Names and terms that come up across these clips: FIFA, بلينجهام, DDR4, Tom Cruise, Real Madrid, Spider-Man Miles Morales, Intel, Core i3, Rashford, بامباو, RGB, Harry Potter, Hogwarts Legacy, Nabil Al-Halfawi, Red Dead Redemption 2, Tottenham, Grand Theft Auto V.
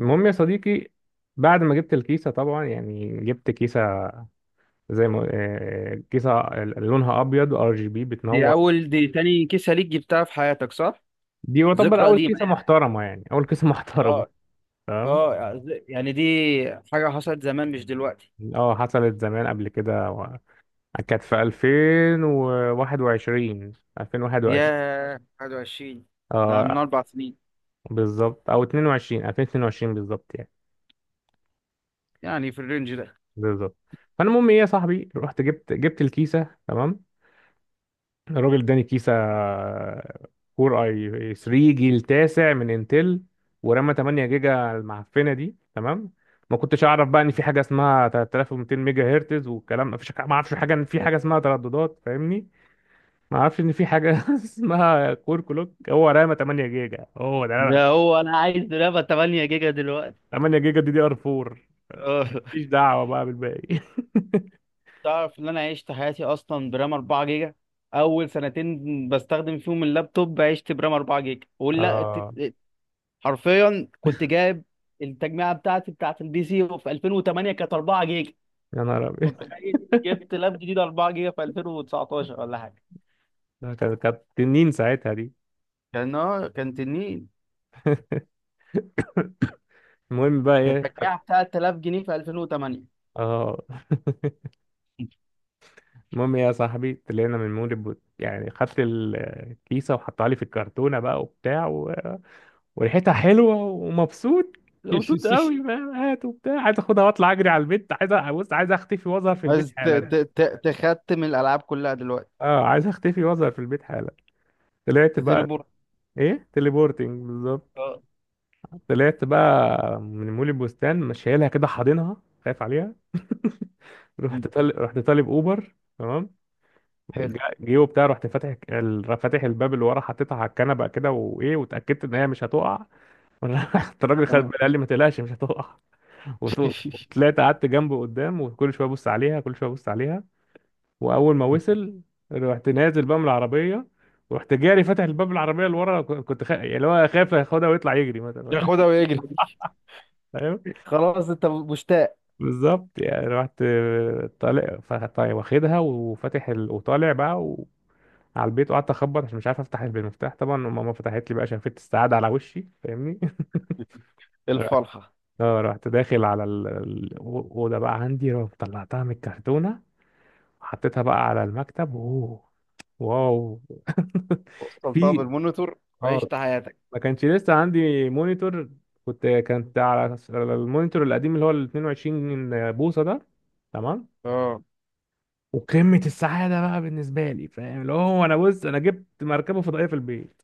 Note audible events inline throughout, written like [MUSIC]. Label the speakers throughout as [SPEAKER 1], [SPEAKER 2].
[SPEAKER 1] المهم يا صديقي، بعد ما جبت الكيسة طبعا يعني جبت كيسة زي ما كيسة لونها أبيض ار جي بي بتنور.
[SPEAKER 2] دي تاني كيسة ليك جبتها في حياتك، صح؟
[SPEAKER 1] دي يعتبر
[SPEAKER 2] ذكرى
[SPEAKER 1] أول
[SPEAKER 2] قديمة
[SPEAKER 1] كيسة
[SPEAKER 2] يعني.
[SPEAKER 1] محترمة، يعني أول كيسة [LAUGHS] محترمة.
[SPEAKER 2] اه
[SPEAKER 1] تمام.
[SPEAKER 2] اه يعني دي حاجة حصلت زمان، مش دلوقتي.
[SPEAKER 1] اه، حصلت زمان قبل كده كانت في 2021
[SPEAKER 2] ياه، 21! ده من
[SPEAKER 1] اه،
[SPEAKER 2] 4 سنين،
[SPEAKER 1] بالظبط، او 22 2022 بالظبط يعني.
[SPEAKER 2] يعني في الرينج ده.
[SPEAKER 1] بالظبط. فالمهم ايه، يا صاحبي، رحت جبت الكيسة. تمام. الراجل اداني كيسة كور اي 3 جيل تاسع من انتل ورامة 8 جيجا على المعفنة دي. تمام. ما كنتش اعرف بقى ان في حاجة اسمها 3200 ميجا هرتز والكلام، ما فيش، ما اعرفش حاجة ان في حاجة اسمها ترددات، فاهمني؟ ما اعرفش ان في حاجة [LAUGHS] اسمها كور كلوك، هو رامة 8 جيجا، هو ده
[SPEAKER 2] ده
[SPEAKER 1] رامة
[SPEAKER 2] هو، انا عايز رامة 8 جيجا دلوقتي.
[SPEAKER 1] 8 جيجا دي دي ار 4،
[SPEAKER 2] اه،
[SPEAKER 1] مفيش دعوة بقى بالباقي. [LAUGHS]
[SPEAKER 2] تعرف ان انا عشت حياتي اصلا برام 4 جيجا؟ اول سنتين بستخدم فيهم اللابتوب عشت برام 4 جيجا،
[SPEAKER 1] اه،
[SPEAKER 2] حرفيا كنت جايب التجميعه بتاعتي بتاعت البي سي في 2008، كانت 4 جيجا.
[SPEAKER 1] يا نهار
[SPEAKER 2] طب
[SPEAKER 1] ابيض.
[SPEAKER 2] تخيل، جبت لاب جديد 4 جيجا في 2019 ولا حاجه.
[SPEAKER 1] ده كانت تنين ساعتها دي.
[SPEAKER 2] كان تنين.
[SPEAKER 1] المهم بقى ايه،
[SPEAKER 2] كانت التجميعه بتاعت 3000 جنيه في 2008.
[SPEAKER 1] اه. [LAUGHS] المهم يا صاحبي، طلعنا من مول البوت، يعني خدت الكيسه وحطها لي في الكرتونه بقى وبتاع وريحتها حلوه ومبسوط، مبسوط
[SPEAKER 2] [LAUGHS]
[SPEAKER 1] قوي، فاهم؟ هات وبتاع، عايز اخدها واطلع اجري على البيت، عايز بص، عايز اختفي واظهر في البيت
[SPEAKER 2] بس
[SPEAKER 1] حالا.
[SPEAKER 2] تختم الالعاب كلها دلوقتي.
[SPEAKER 1] اه، عايز اختفي واظهر في البيت حالا. طلعت بقى.
[SPEAKER 2] تتربور.
[SPEAKER 1] ايه؟ تليبورتنج، بالظبط.
[SPEAKER 2] اه.
[SPEAKER 1] طلعت بقى من مول البستان، مش شايلها كده، حاضنها، خايف عليها. [LAUGHS] رحت طالب اوبر. تمام.
[SPEAKER 2] حلو.
[SPEAKER 1] جيبه بتاعي، رحت فاتح فاتح الباب اللي ورا، حطيتها على الكنبه كده وايه، واتاكدت ان هي مش هتقع. [LAUGHS] رحت الراجل خد
[SPEAKER 2] تمام.
[SPEAKER 1] بالي، قال لي ما تقلقش مش هتقع. وط-
[SPEAKER 2] [LAUGHS]
[SPEAKER 1] وطلعت قعدت جنبه قدام، وكل شويه ابص عليها، كل شويه ابص عليها. واول ما وصل رحت نازل بقى من العربيه، ورحت جاري فاتح الباب العربيه اللي ورا، كنت يعني اللي هو خايف ياخدها ويطلع يجري مثلا.
[SPEAKER 2] ياخدها
[SPEAKER 1] [LAUGHS]
[SPEAKER 2] ويجري.
[SPEAKER 1] فاهم؟
[SPEAKER 2] خلاص، انت مشتاق.
[SPEAKER 1] بالظبط يعني. رحت طالع، فطيب، واخدها وفاتح وطالع بقى على البيت، وقعدت اخبط عشان مش عارف افتح بالمفتاح. طبعا ماما فتحت لي بقى، شافت السعاده على وشي، فاهمني؟ [LAUGHS] رحت-
[SPEAKER 2] الفرحه.
[SPEAKER 1] اه، رحت داخل على الاوضه بقى عندي، رحت طلعتها من الكرتونه وحطيتها بقى على المكتب. اوه، واو. [LAUGHS]
[SPEAKER 2] وصلتها
[SPEAKER 1] في،
[SPEAKER 2] بالمونيتور.
[SPEAKER 1] اه،
[SPEAKER 2] وعشت حياتك.
[SPEAKER 1] ما كانش لسه عندي مونيتور. كانت على المونيتور القديم اللي هو ال 22 بوصه ده. تمام.
[SPEAKER 2] اه.
[SPEAKER 1] وقمه السعاده بقى بالنسبه لي، فاهم؟ اللي هو انا، بص انا جبت مركبه فضائيه في البيت.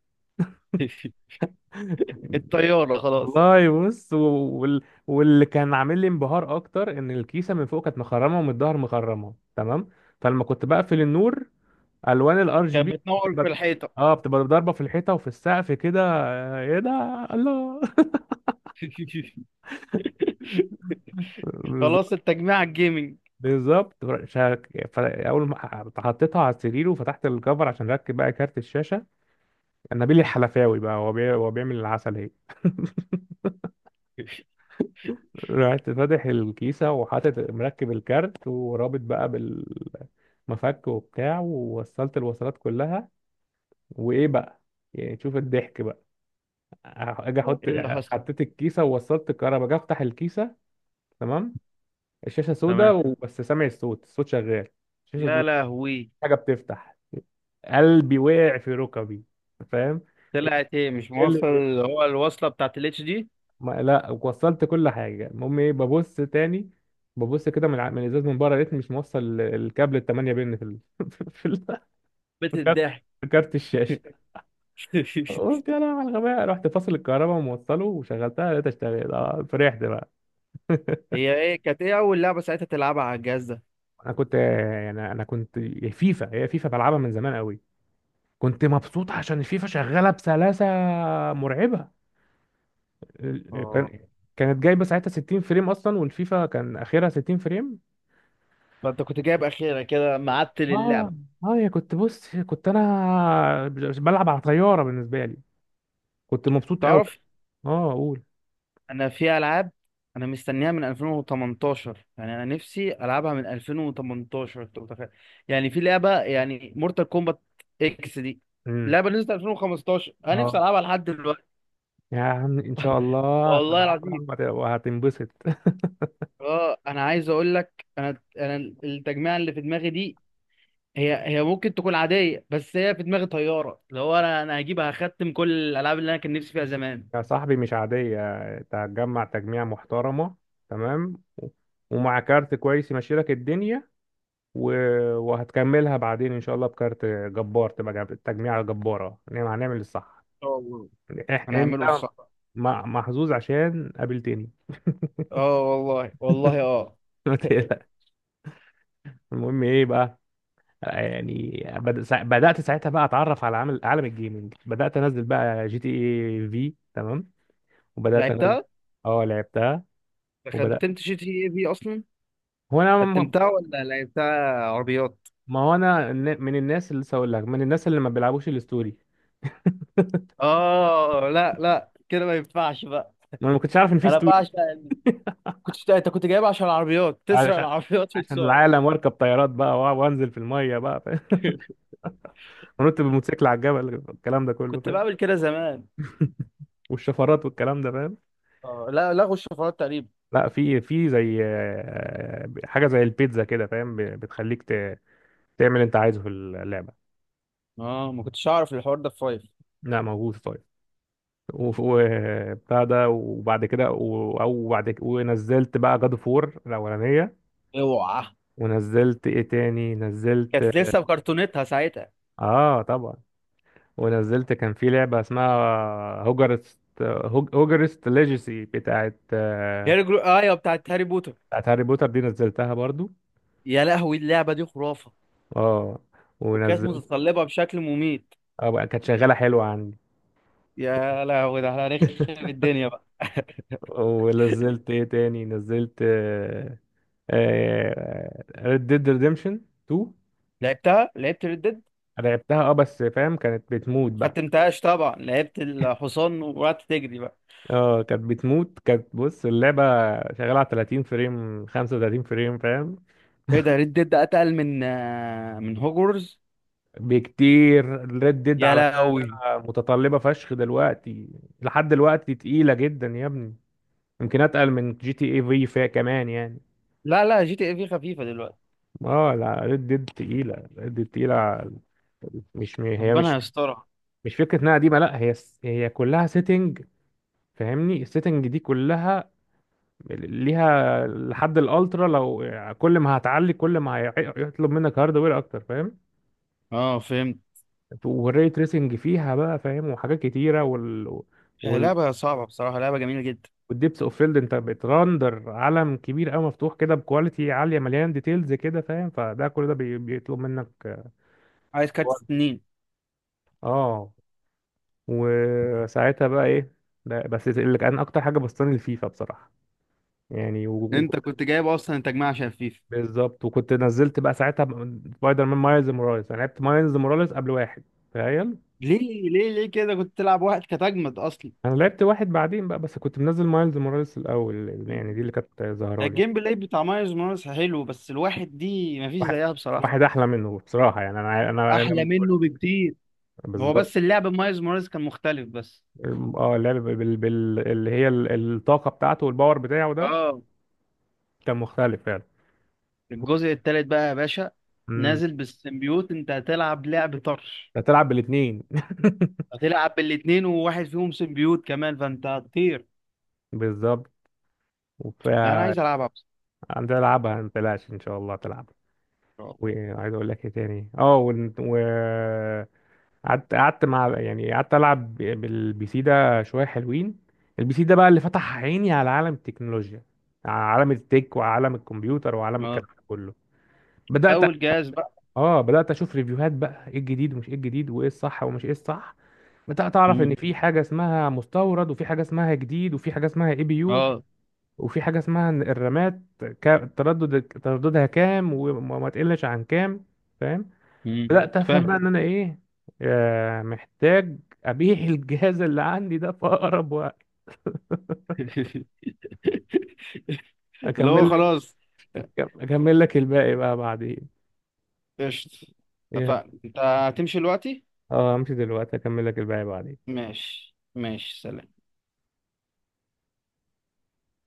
[SPEAKER 2] [LAUGHS]
[SPEAKER 1] [LAUGHS]
[SPEAKER 2] الطياره خلاص.
[SPEAKER 1] والله بص، واللي كان عامل لي انبهار اكتر، ان الكيسه من فوق كانت مخرمه ومن الظهر مخرمه. تمام. فلما كنت بقفل النور، الوان الار جي
[SPEAKER 2] كانت
[SPEAKER 1] بي
[SPEAKER 2] بتنور
[SPEAKER 1] بتبقى
[SPEAKER 2] في الحيطه.
[SPEAKER 1] اه بتبقى ضاربه في الحيطه وفي السقف كده. ايه ده، الله.
[SPEAKER 2] [LAUGHS]
[SPEAKER 1] [LAUGHS]
[SPEAKER 2] خلاص،
[SPEAKER 1] بالظبط.
[SPEAKER 2] التجميع الجيمنج.
[SPEAKER 1] بالظبط. اول ما حطيتها على السرير وفتحت الكفر عشان اركب بقى كارت الشاشه، نبيل الحلفاوي بقى هو هو بيعمل العسل اهي. [LAUGHS]
[SPEAKER 2] [LAUGHS] إيه
[SPEAKER 1] رحت فاتح الكيسة وحاطط مركب الكارت ورابط بقى بالمفك وبتاع، ووصلت الوصلات كلها. وإيه بقى؟ يعني شوف الضحك بقى. أجي أحط،
[SPEAKER 2] اللي حصل؟
[SPEAKER 1] حطيت الكيسة ووصلت الكهرباء، أجي أفتح الكيسة. تمام. الشاشة سودة
[SPEAKER 2] تمام.
[SPEAKER 1] وبس، سامع الصوت، الصوت شغال. الشاشة
[SPEAKER 2] يا
[SPEAKER 1] سودة،
[SPEAKER 2] لهوي.
[SPEAKER 1] حاجة بتفتح، قلبي وقع في ركبي، فاهم؟
[SPEAKER 2] طلعت ايه، مش
[SPEAKER 1] إيه
[SPEAKER 2] موصل
[SPEAKER 1] اللي،
[SPEAKER 2] اللي هو الوصله بتاعت الاتش دي؟
[SPEAKER 1] ما لا وصلت كل حاجه. المهم ايه، ببص تاني، ببص كده من من الازاز، من بره، لقيتني مش موصل الكابل ال 8 بن في [LAUGHS] في ال...
[SPEAKER 2] بيت
[SPEAKER 1] في كارت
[SPEAKER 2] الضحك.
[SPEAKER 1] في كارت الشاشه.
[SPEAKER 2] [LAUGHS]
[SPEAKER 1] قلت يا لهوي على الغباء، رحت فاصل الكهرباء وموصله وشغلتها، لقيتها اشتغلت. فرحت بقى. [LAUGHS]
[SPEAKER 2] هي ايه؟ كانت ايه اول لعبه ساعتها تلعبها على الجهاز ده؟
[SPEAKER 1] انا كنت فيفا، هي فيفا بلعبها من زمان قوي، كنت مبسوط عشان الفيفا شغاله بسلاسه مرعبه. ال-
[SPEAKER 2] اه.
[SPEAKER 1] كان كانت جايبه ساعتها 60 فريم اصلا، والفيفا كان اخرها 60 فريم.
[SPEAKER 2] فانت كنت جايب اخيرا كده معدل
[SPEAKER 1] اه،
[SPEAKER 2] اللعبه.
[SPEAKER 1] اه، يا بص، كنت انا بلعب على طياره بالنسبه لي. كنت مبسوط قوي.
[SPEAKER 2] تعرف،
[SPEAKER 1] اه، قول.
[SPEAKER 2] انا في العاب انا مستنيها من 2018، يعني انا نفسي العبها من 2018، انت متخيل؟ يعني في لعبه، يعني مورتال كومبات اكس دي،
[SPEAKER 1] امم
[SPEAKER 2] لعبه نزلت 2015، انا
[SPEAKER 1] اه،
[SPEAKER 2] نفسي العبها لحد دلوقتي.
[SPEAKER 1] يا عم، ان شاء الله
[SPEAKER 2] والله العظيم.
[SPEAKER 1] هتتعلم وهتنبسط. [LAUGHS]
[SPEAKER 2] اه، انا عايز اقول لك، انا التجميعه اللي في دماغي دي، هي ممكن تكون عاديه، بس هي في دماغي طياره. اللي هو، انا هجيبها، هختم كل الالعاب اللي انا كان نفسي فيها زمان.
[SPEAKER 1] يا صاحبي مش عاديه، تجميع محترمه. تمام، ومع كارت كويس يمشي لك الدنيا، و... وهتكملها بعدين ان شاء الله بكارت جبار، تبقى تجميعه جباره. نعم، هنعمل الصح.
[SPEAKER 2] اه والله.
[SPEAKER 1] انت
[SPEAKER 2] هنعمله الصح.
[SPEAKER 1] محظوظ عشان قابلتني.
[SPEAKER 2] اه والله، والله اه.
[SPEAKER 1] [LAUGHS] ما تقلق. المهم ايه بقى، يعني بدأت ساعتها بقى اتعرف على عالم الجيمنج، بدأت انزل بقى جي تي اي في. تمام. وبدأت انزل.
[SPEAKER 2] لعبتها.
[SPEAKER 1] اه، لعبتها. وبدأت،
[SPEAKER 2] ختمت جي تي اي في اصلا.
[SPEAKER 1] هو انا
[SPEAKER 2] ختمتها ولا لعبتها عربيات؟
[SPEAKER 1] ما هو انا من الناس اللي لسه هقول لك، من الناس اللي ما بيلعبوش الستوري.
[SPEAKER 2] اه لا لا، كده ما ينفعش بقى.
[SPEAKER 1] انا ما كنتش عارف ان في
[SPEAKER 2] انا
[SPEAKER 1] ستوري.
[SPEAKER 2] بعشق انت كنت جايب عشان العربيات، تسرق
[SPEAKER 1] علشان
[SPEAKER 2] العربيات
[SPEAKER 1] عشان
[SPEAKER 2] وتسوق.
[SPEAKER 1] العالم، واركب طيارات بقى وانزل في الميه بقى، فاهم؟ [LAUGHS] ونط بالموتوسيكل على الجبل، الكلام ده كله
[SPEAKER 2] كنت
[SPEAKER 1] فاهم.
[SPEAKER 2] بعمل كده زمان.
[SPEAKER 1] والشفرات والكلام ده، فاهم؟
[SPEAKER 2] اه لا، لغوا الشفرات تقريبا.
[SPEAKER 1] لا، في زي حاجه زي البيتزا كده، فاهم؟ بتخليك تعمل انت عايزه في اللعبه.
[SPEAKER 2] اه، ما كنتش اعرف الحوار ده في فايف.
[SPEAKER 1] لا، موجود. طيب، وبتاع ده، وبعد كده، او بعد كده ونزلت بقى جاد فور الاولانيه.
[SPEAKER 2] اوعى.
[SPEAKER 1] ونزلت ايه تاني؟ نزلت،
[SPEAKER 2] كانت لسه بكرتونتها ساعتها.
[SPEAKER 1] اه طبعا. ونزلت، كان في لعبه اسمها هوجرست، هوجرست ليجاسي بتاعت
[SPEAKER 2] هي ايوه، بتاعت هاري بوتر.
[SPEAKER 1] بتاعت هاري بوتر، دي نزلتها برضو.
[SPEAKER 2] يا لهوي، اللعبه دي خرافه.
[SPEAKER 1] اه،
[SPEAKER 2] وكانت
[SPEAKER 1] ونزلت.
[SPEAKER 2] متطلبه بشكل مميت.
[SPEAKER 1] اه بقى، كانت شغاله حلوه عندي.
[SPEAKER 2] يا لهوي، ده احنا هنخرب
[SPEAKER 1] [LAUGHS]
[SPEAKER 2] الدنيا بقى.
[SPEAKER 1] ونزلت ايه تاني؟ نزلت ريد ديد ريديمشن 2،
[SPEAKER 2] لعبتها، لعبت ريد ديد.
[SPEAKER 1] لعبتها. اه بس فاهم، كانت بتموت بقى.
[SPEAKER 2] ختمتهاش طبعا، لعبت الحصان وقعدت تجري بقى.
[SPEAKER 1] اه، كانت بتموت، كانت، بص، اللعبة شغالة على 30 فريم 35 فريم، فاهم؟
[SPEAKER 2] ايه ده؟ ريد ديد اتقل من هوجورز؟
[SPEAKER 1] بكتير. ريد ديد
[SPEAKER 2] يا
[SPEAKER 1] على،
[SPEAKER 2] لهوي.
[SPEAKER 1] متطلبة فشخ دلوقتي، لحد دلوقتي تقيلة جدا يا ابني، يمكن اتقل من جي تي اي في فيها كمان يعني.
[SPEAKER 2] لا لا، جي تي اي في خفيفه دلوقتي.
[SPEAKER 1] اه، لا، ريد ديد تقيلة، ريد ديد تقيلة. مش هي مش
[SPEAKER 2] ربنا يسترها.
[SPEAKER 1] مش فكرة انها قديمة، لا هي هي كلها سيتنج، فاهمني؟ السيتنج دي كلها ليها لحد الالترا. لو كل ما هتعلي، كل ما هيطلب منك هاردوير اكتر، فاهم؟
[SPEAKER 2] اه، فهمت.
[SPEAKER 1] والري تريسنج فيها بقى، فاهم؟ وحاجات كتيره،
[SPEAKER 2] هي
[SPEAKER 1] وال
[SPEAKER 2] لعبة صعبة بصراحة، لعبة جميلة جدا.
[SPEAKER 1] والديبس اوف فيلد. انت بتراندر عالم كبير قوي مفتوح كده بكواليتي عاليه، مليان ديتيلز كده، فاهم؟ فده، كل ده بيطلب منك
[SPEAKER 2] عايز كارت
[SPEAKER 1] وقت.
[SPEAKER 2] سنين.
[SPEAKER 1] اه، وساعتها بقى ايه، ده بس اللي كان اكتر حاجه بسطاني، الفيفا بصراحه يعني.
[SPEAKER 2] انت كنت جايب اصلا تجميع شفيف.
[SPEAKER 1] بالظبط. وكنت نزلت بقى ساعتها سبايدر مان مايلز موراليس. انا لعبت مايلز موراليس قبل واحد، تخيل.
[SPEAKER 2] ليه ليه كده كنت تلعب واحد؟ كانت اجمد اصلا.
[SPEAKER 1] انا لعبت واحد بعدين بقى، بس كنت منزل مايلز موراليس الاول،
[SPEAKER 2] مم.
[SPEAKER 1] يعني دي اللي كانت ظاهره لي.
[SPEAKER 2] الجيم بلاي بتاع مايلز موراليس حلو، بس الواحد دي مفيش
[SPEAKER 1] واحد،
[SPEAKER 2] زيها بصراحة.
[SPEAKER 1] واحد احلى منه بصراحه يعني. انا انا
[SPEAKER 2] احلى
[SPEAKER 1] بالكل.
[SPEAKER 2] منه بكتير. هو
[SPEAKER 1] بالظبط.
[SPEAKER 2] بس اللعب مايلز موراليس كان مختلف بس.
[SPEAKER 1] اه، اللعب اللي هي الطاقه بتاعته والباور بتاعه ده،
[SPEAKER 2] اه.
[SPEAKER 1] كان مختلف فعلا.
[SPEAKER 2] الجزء التالت بقى يا باشا،
[SPEAKER 1] امم
[SPEAKER 2] نازل بالسيمبيوت، انت هتلعب لعب طرش.
[SPEAKER 1] هتلعب بالاثنين. [LAUGHS]
[SPEAKER 2] هتلعب بالاتنين وواحد فيهم سيمبيوت كمان، فانت هتطير.
[SPEAKER 1] بالظبط. وف
[SPEAKER 2] لا، انا عايز العبها بس.
[SPEAKER 1] عندي. [LAUGHS] العبها، ما تقلقش ان شاء الله تلعب.
[SPEAKER 2] اه.
[SPEAKER 1] وعايز اقول لك ايه تاني، اه، ون- و قعدت مع، يعني قعدت العب بالبي سي ده شويه حلوين. البي سي ده بقى اللي فتح عيني على عالم التكنولوجيا، على عالم التك، وعالم الكمبيوتر، وعالم الكلام
[SPEAKER 2] آه.
[SPEAKER 1] ده كله. بدات
[SPEAKER 2] اول جهاز بقى.
[SPEAKER 1] اه بدات اشوف ريفيوهات بقى، ايه الجديد ومش ايه الجديد، وايه الصح ومش ايه الصح. بدات اعرف ان
[SPEAKER 2] مم.
[SPEAKER 1] في حاجه اسمها مستورد، وفي حاجه اسمها جديد، وفي حاجه اسمها اي بي يو،
[SPEAKER 2] اه.
[SPEAKER 1] وفي حاجه اسمها إن الرامات، ترددها كام، وما ما تقلش عن كام، فاهم؟
[SPEAKER 2] مم.
[SPEAKER 1] بدأت
[SPEAKER 2] فاهم.
[SPEAKER 1] أفهم بقى إن أنا إيه، محتاج أبيع الجهاز اللي عندي ده في أقرب وقت.
[SPEAKER 2] [LAUGHS] [LAUGHS] اللي هو
[SPEAKER 1] أكمل لك
[SPEAKER 2] خلاص.
[SPEAKER 1] أكمل لك الباقي بقى بعدين.
[SPEAKER 2] قشطة.
[SPEAKER 1] إيه،
[SPEAKER 2] اتفقنا، انت هتمشي دلوقتي؟
[SPEAKER 1] أه، أمشي دلوقتي، أكمل لك الباقي بعدين.
[SPEAKER 2] ماشي ماشي، سلام.